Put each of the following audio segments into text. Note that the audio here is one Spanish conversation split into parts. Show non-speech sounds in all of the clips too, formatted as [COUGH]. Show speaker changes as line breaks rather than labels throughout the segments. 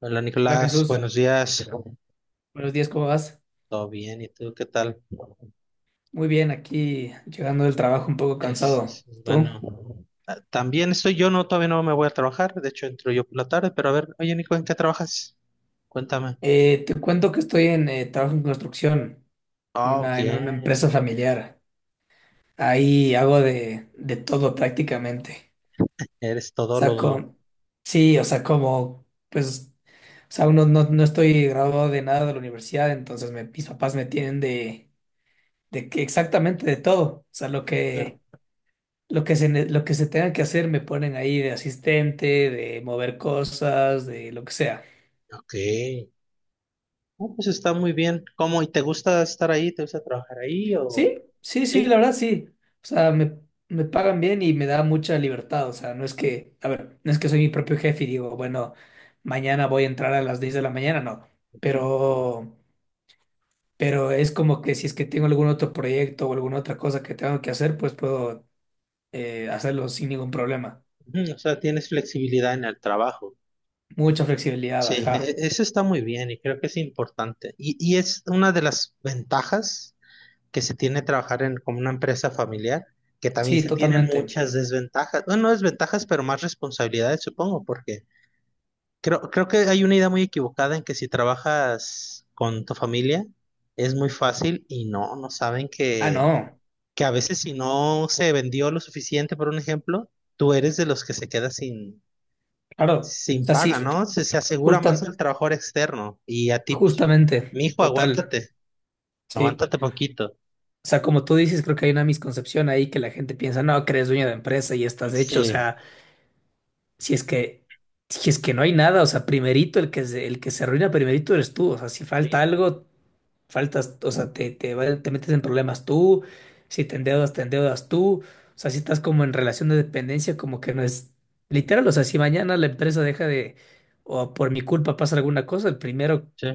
Hola
Hola
Nicolás,
Jesús,
buenos días.
buenos días, ¿cómo vas?
¿Todo bien? ¿Y tú qué tal?
Muy bien, aquí llegando del trabajo un poco
Es, es-
cansado.
es
¿Tú?
bueno. También estoy yo, no, todavía no me voy a trabajar. De hecho, entro yo por la tarde, pero a ver, oye Nico, ¿en qué trabajas? Cuéntame.
Te cuento que estoy en trabajo en construcción,
Ah, ok.
en una empresa familiar. Ahí hago de todo prácticamente.
Eres todólogo.
Saco, sí, o sea, como, pues, o sea, uno no, no estoy graduado de nada de la universidad, entonces mis papás me tienen de que exactamente de todo. O sea, lo
Ah,
que Lo que lo que se tenga que hacer me ponen ahí de asistente, de mover cosas, de lo que sea.
ok. Ah, pues está muy bien. ¿Cómo? ¿Y te gusta estar ahí? ¿Te gusta trabajar ahí o...?
Sí, sí, sí, la
Sí.
verdad sí. O sea, me pagan bien y me da mucha libertad. O sea, no es que, a ver, no es que soy mi propio jefe y digo, bueno, mañana voy a entrar a las 10 de la mañana, no.
Ujú.
Pero, pero es como que si es que tengo algún otro proyecto o alguna otra cosa que tengo que hacer, pues puedo hacerlo sin ningún problema.
Ujú, o sea, tienes flexibilidad en el trabajo.
Mucha flexibilidad,
Sí,
ajá.
eso está muy bien y creo que es importante. Y es una de las ventajas que se tiene trabajar en, como una empresa familiar, que también
Sí,
se tienen
totalmente.
muchas desventajas, bueno, no desventajas, pero más responsabilidades, supongo, porque creo que hay una idea muy equivocada en que si trabajas con tu familia es muy fácil y no, no saben
Ah, no,
que a veces si no se vendió lo suficiente, por un ejemplo, tú eres de los que se queda sin,
claro. O
sin
sea, sí.
paga, ¿no? Se asegura más
Justa-
el trabajador externo y a ti, pues,
justamente,
mijo,
total,
aguántate,
sí.
aguántate poquito.
O sea, como tú dices, creo que hay una misconcepción ahí que la gente piensa, no, que eres dueño de empresa y estás hecho. O
Sí,
sea, si es que, si es que no hay nada, o sea, primerito el que se arruina primerito eres tú. O sea, si falta
sí.
algo, faltas, o sea, te metes en problemas tú, si te endeudas, te endeudas tú. O sea, si estás como en relación de dependencia, como que no es literal. O sea, si mañana la empresa deja de, o por mi culpa pasa alguna cosa, el primero.
Sí.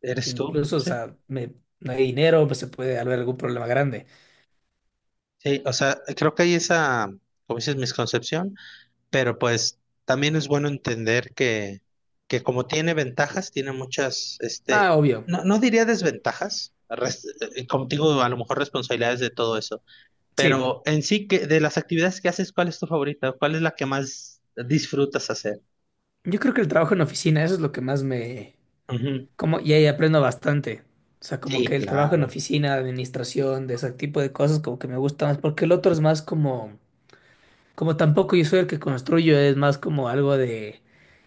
¿Eres tú?
Incluso, o
Sí.
sea, no hay dinero, pues se puede haber algún problema grande.
Sí, o sea, creo que hay esa, como dices, misconcepción, pero pues también es bueno entender que como tiene ventajas, tiene muchas, este,
Ah, obvio.
no, no diría desventajas, como digo, a lo mejor responsabilidades de todo eso,
Sí,
pero en sí, que de las actividades que haces, ¿cuál es tu favorita? ¿Cuál es la que más disfrutas hacer?
yo creo que el trabajo en oficina, eso es lo que más me...
Ujú.
Como, y ahí aprendo bastante. O sea, como que
Sí,
el trabajo en
claro.
oficina, administración, de ese tipo de cosas, como que me gusta más, porque el otro es más como, como tampoco yo soy el que construyo, es más como algo de,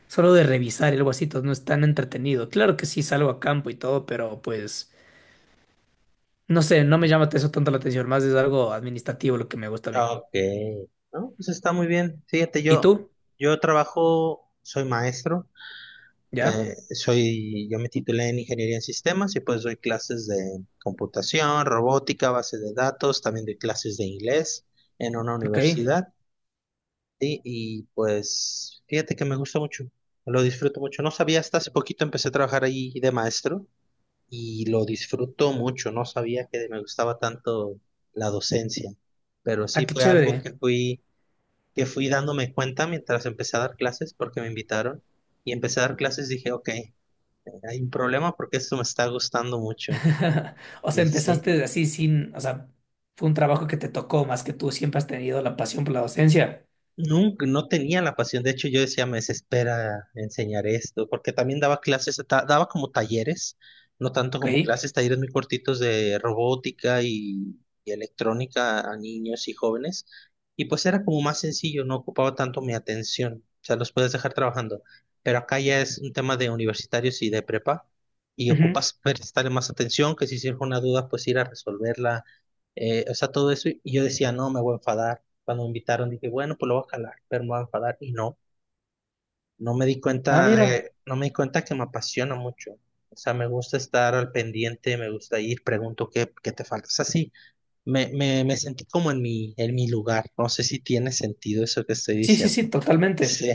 solo de revisar y algo así, entonces no es tan entretenido. Claro que sí salgo a campo y todo, pero pues, no sé, no me llama eso tanto la atención, más es algo administrativo lo que me gusta a mí.
Ok. No, pues está muy bien. Fíjate,
¿Y
yo,
tú?
yo trabajo, soy maestro.
¿Ya?
Soy, yo me titulé en Ingeniería en Sistemas y pues doy clases de computación, robótica, base de datos, también doy clases de inglés en una
Ok,
universidad y pues fíjate que me gusta mucho, lo disfruto mucho. No sabía, hasta hace poquito empecé a trabajar ahí de maestro y lo disfruto mucho, no sabía que me gustaba tanto la docencia, pero
ah,
sí
qué
fue algo
chévere.
que fui dándome cuenta mientras empecé a dar clases porque me invitaron y empecé a dar clases, dije, ok, hay un problema porque esto me está gustando mucho.
[LAUGHS] O sea,
Y sí,
empezaste así sin, o sea, fue un trabajo que te tocó más que tú siempre has tenido la pasión por la docencia.
nunca, no tenía la pasión. De hecho, yo decía, me desespera enseñar esto, porque también daba clases, daba como talleres, no tanto como
Ok.
clases, talleres muy cortitos de robótica y electrónica a niños y jóvenes. Y pues era como más sencillo, no ocupaba tanto mi atención. O sea, los puedes dejar trabajando. Pero acá ya es un tema de universitarios y de prepa, y
Ujú.
ocupas prestarle más atención, que si surge una duda, pues ir a resolverla. O sea, todo eso. Y yo decía, no, me voy a enfadar cuando me invitaron dije, bueno, pues lo voy a jalar, pero me voy a enfadar. Y no, no me di
Ah,
cuenta,
mira.
no me di cuenta que me apasiona mucho. O sea, me gusta estar al pendiente, me gusta ir, pregunto qué, qué te falta. O sea, sí, me sentí como en mi lugar. No sé si tiene sentido eso que estoy
Sí, sí,
diciendo.
sí, totalmente.
Sí,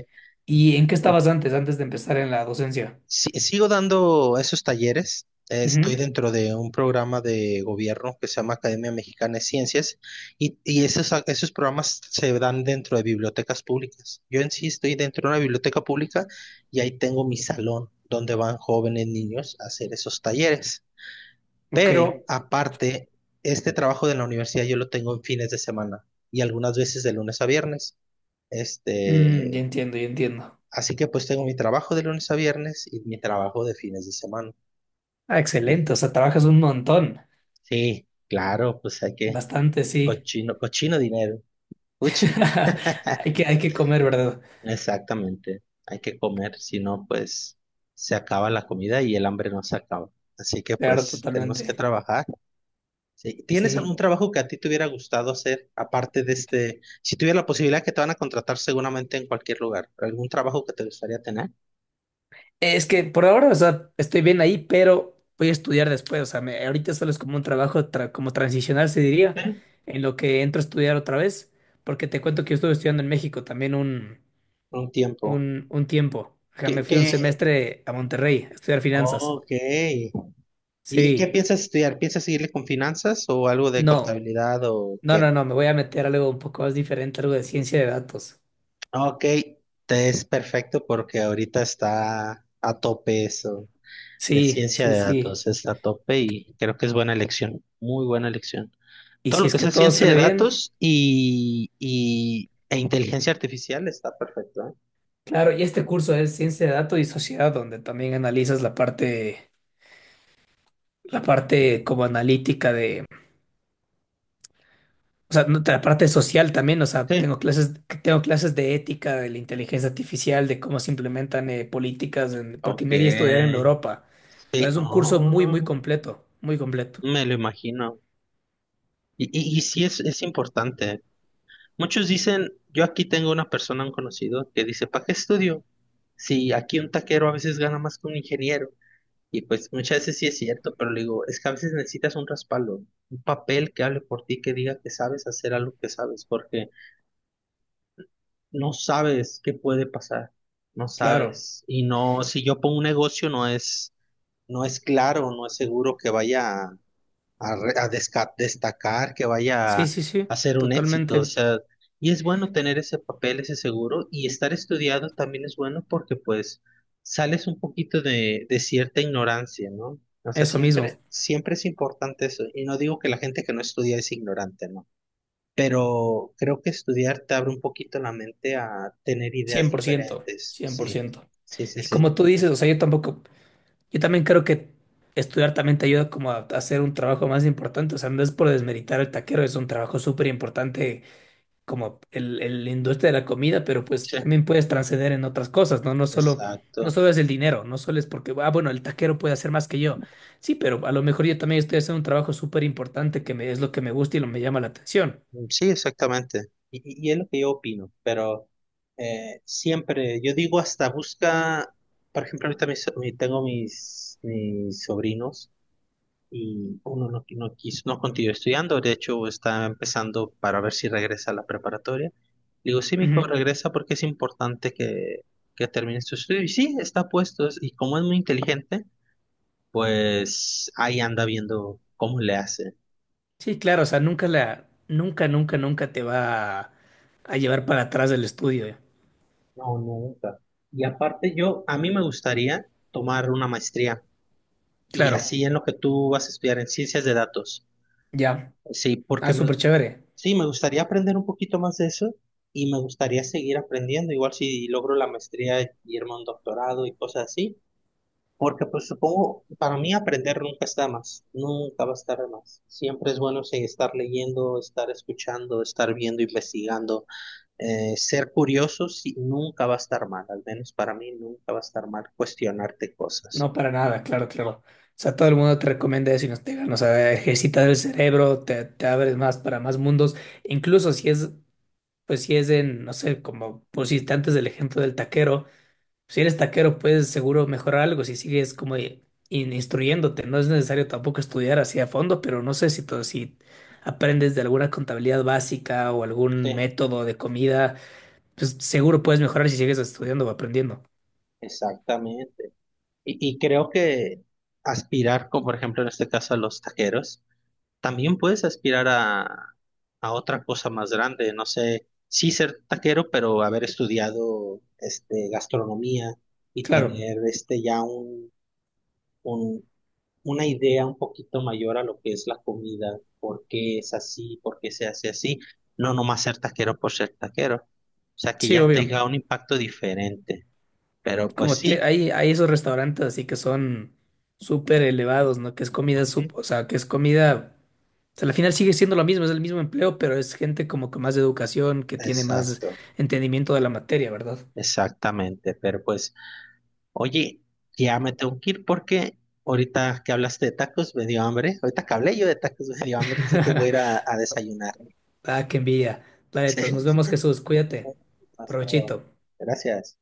¿Y en qué estabas antes, antes de empezar en la docencia?
sí, sigo dando esos talleres. Estoy
Ujú.
dentro de un programa de gobierno que se llama Academia Mexicana de Ciencias y esos, esos programas se dan dentro de bibliotecas públicas. Yo en sí estoy dentro de una biblioteca pública y ahí tengo mi salón donde van jóvenes niños a hacer esos talleres.
Ok.
Pero aparte, este trabajo de la universidad yo lo tengo en fines de semana y algunas veces de lunes a viernes.
Mm, ya
Este,
entiendo, ya entiendo.
así que pues tengo mi trabajo de lunes a viernes y mi trabajo de fines de semana.
Ah, excelente. O sea, trabajas un montón.
Sí, claro, pues hay que,
Bastante, sí.
cochino dinero, uchi,
[LAUGHS] Hay que comer, ¿verdad?
exactamente, hay que comer, si no, pues se acaba la comida y el hambre no se acaba. Así que
Claro,
pues tenemos que
totalmente.
trabajar. Sí. ¿Tienes algún
Sí.
trabajo que a ti te hubiera gustado hacer, aparte de este, si tuviera la posibilidad que te van a contratar seguramente en cualquier lugar, algún trabajo que te gustaría tener
Es que por ahora, o sea, estoy bien ahí, pero voy a estudiar después. O sea, ahorita solo es como un trabajo, como transicional, se diría, en lo que entro a estudiar otra vez, porque te cuento que yo estuve estudiando en México también
por un tiempo?
un tiempo. Ajá, me
¿Qué,
fui un
qué?
semestre a Monterrey a estudiar finanzas.
Ok. Y qué
Sí,
piensas estudiar? ¿Piensas seguirle con finanzas o algo de
no,
contabilidad o qué?
no, me voy a meter a algo un poco más diferente, algo de ciencia de datos.
Ok, te es perfecto porque ahorita está a tope eso de
Sí,
ciencia
sí,
de
sí.
datos, está a tope y creo que es buena elección, muy buena elección.
Y
Todo
si
lo
es
que
que
sea
todo
ciencia de
sale bien,
datos y, e inteligencia artificial está perfecto,
claro, y este curso es ciencia de datos y sociedad, donde también analizas la parte como analítica de, o sea, no, la parte social también, o sea,
¿eh? Sí.
tengo clases de ética, de la inteligencia artificial, de cómo se implementan políticas, porque
Ok.
me iría a estudiar en Europa.
Y-
Entonces, es un curso muy, muy
Oh,
completo, muy completo.
me lo imagino. Y sí es importante. Muchos dicen, yo aquí tengo una persona, un conocido, que dice, ¿para qué estudio? Si aquí un taquero a veces gana más que un ingeniero. Y pues muchas veces sí es cierto, pero le digo, es que a veces necesitas un respaldo, un papel que hable por ti, que diga que sabes hacer algo que sabes, porque no sabes qué puede pasar, no
Claro,
sabes. Y no, si yo pongo un negocio, no es, no es claro, no es seguro que vaya a, destacar, que vaya
sí, sí, sí,
a ser un éxito. O
totalmente,
sea, y es bueno tener ese papel, ese seguro, y estar estudiado también es bueno porque pues sales un poquito de cierta ignorancia, ¿no? O sea,
eso mismo,
siempre es importante eso. Y no digo que la gente que no estudia es ignorante, ¿no? Pero creo que estudiar te abre un poquito la mente a tener ideas
100%,
diferentes.
cien por
Sí,
ciento
sí, sí,
Y
sí.
como tú dices, o sea, yo tampoco, yo también creo que estudiar también te ayuda como a hacer un trabajo más importante, o sea, no es por desmeritar el taquero, es un trabajo súper importante como la industria de la comida, pero pues
Sí,
también puedes trascender en otras cosas, ¿no? No solo, no
exacto.
solo es el dinero, no solo es porque, ah, bueno, el taquero puede hacer más que yo. Sí, pero a lo mejor yo también estoy haciendo un trabajo súper importante que me, es lo que me gusta y lo me llama la atención.
Mm, sí, exactamente. Y, y es lo que yo opino, pero siempre, yo digo hasta busca, por ejemplo, ahorita tengo mis, mis sobrinos y uno no, no quiso, no continuó estudiando, de hecho está empezando para ver si regresa a la preparatoria. Le digo, sí, mi hijo
Ujú.
regresa porque es importante que termine su estudio. Y sí, está puesto, y como es muy inteligente, pues ahí anda viendo cómo le hace.
Sí, claro, o sea, nunca, nunca, nunca te va a llevar para atrás del estudio.
No, nunca. Y aparte yo, a mí me gustaría tomar una maestría y
Claro,
así en lo que tú vas a estudiar en ciencias de datos.
ya.
Sí,
Ah,
porque me,
súper chévere.
sí, me gustaría aprender un poquito más de eso y me gustaría seguir aprendiendo, igual si logro la maestría y irme a un doctorado y cosas así, porque pues supongo, para mí aprender nunca está de más, nunca va a estar de más. Siempre es bueno sí, estar leyendo, estar escuchando, estar viendo, investigando ser curioso sí, nunca va a estar mal, al menos para mí nunca va a estar mal cuestionarte cosas.
No, para nada, claro, claro. O sea, todo el mundo te recomienda eso y nos digan, o sea, ejercitas el cerebro, te abres más para más mundos. Incluso si es, pues si es en, no sé, como pusiste antes del ejemplo del taquero, si eres taquero puedes seguro mejorar algo si sigues como instruyéndote. No es necesario tampoco estudiar así a fondo, pero no sé si todo, si aprendes de alguna contabilidad básica o algún
Sí,
método de comida, pues seguro puedes mejorar si sigues estudiando o aprendiendo.
exactamente. Y creo que aspirar, como por ejemplo en este caso a los taqueros, también puedes aspirar a otra cosa más grande, no sé, sí ser taquero, pero haber estudiado este, gastronomía y
Claro,
tener este, ya un, una idea un poquito mayor a lo que es la comida, por qué es así, por qué se hace así, no nomás ser taquero por ser taquero, o sea, que
sí,
ya ok.
obvio.
tenga un impacto diferente, pero pues
Como te,
sí,
hay esos restaurantes así que son súper elevados, ¿no? Que es comida, o
ujú,
sea, que es comida, o sea, al final sigue siendo lo mismo, es el mismo empleo, pero es gente como con más educación, que tiene más
exacto.
entendimiento de la materia, ¿verdad?
Exactamente, pero pues, oye, ya me tengo que ir porque ahorita que hablaste de tacos me dio hambre, ahorita que hablé yo de tacos me dio hambre, así que voy a ir
[LAUGHS]
a desayunar. [LAUGHS]
Ah, qué envidia.
Sí.
Planetas, nos vemos, Jesús, cuídate.
Hasta luego.
Provechito.
Gracias.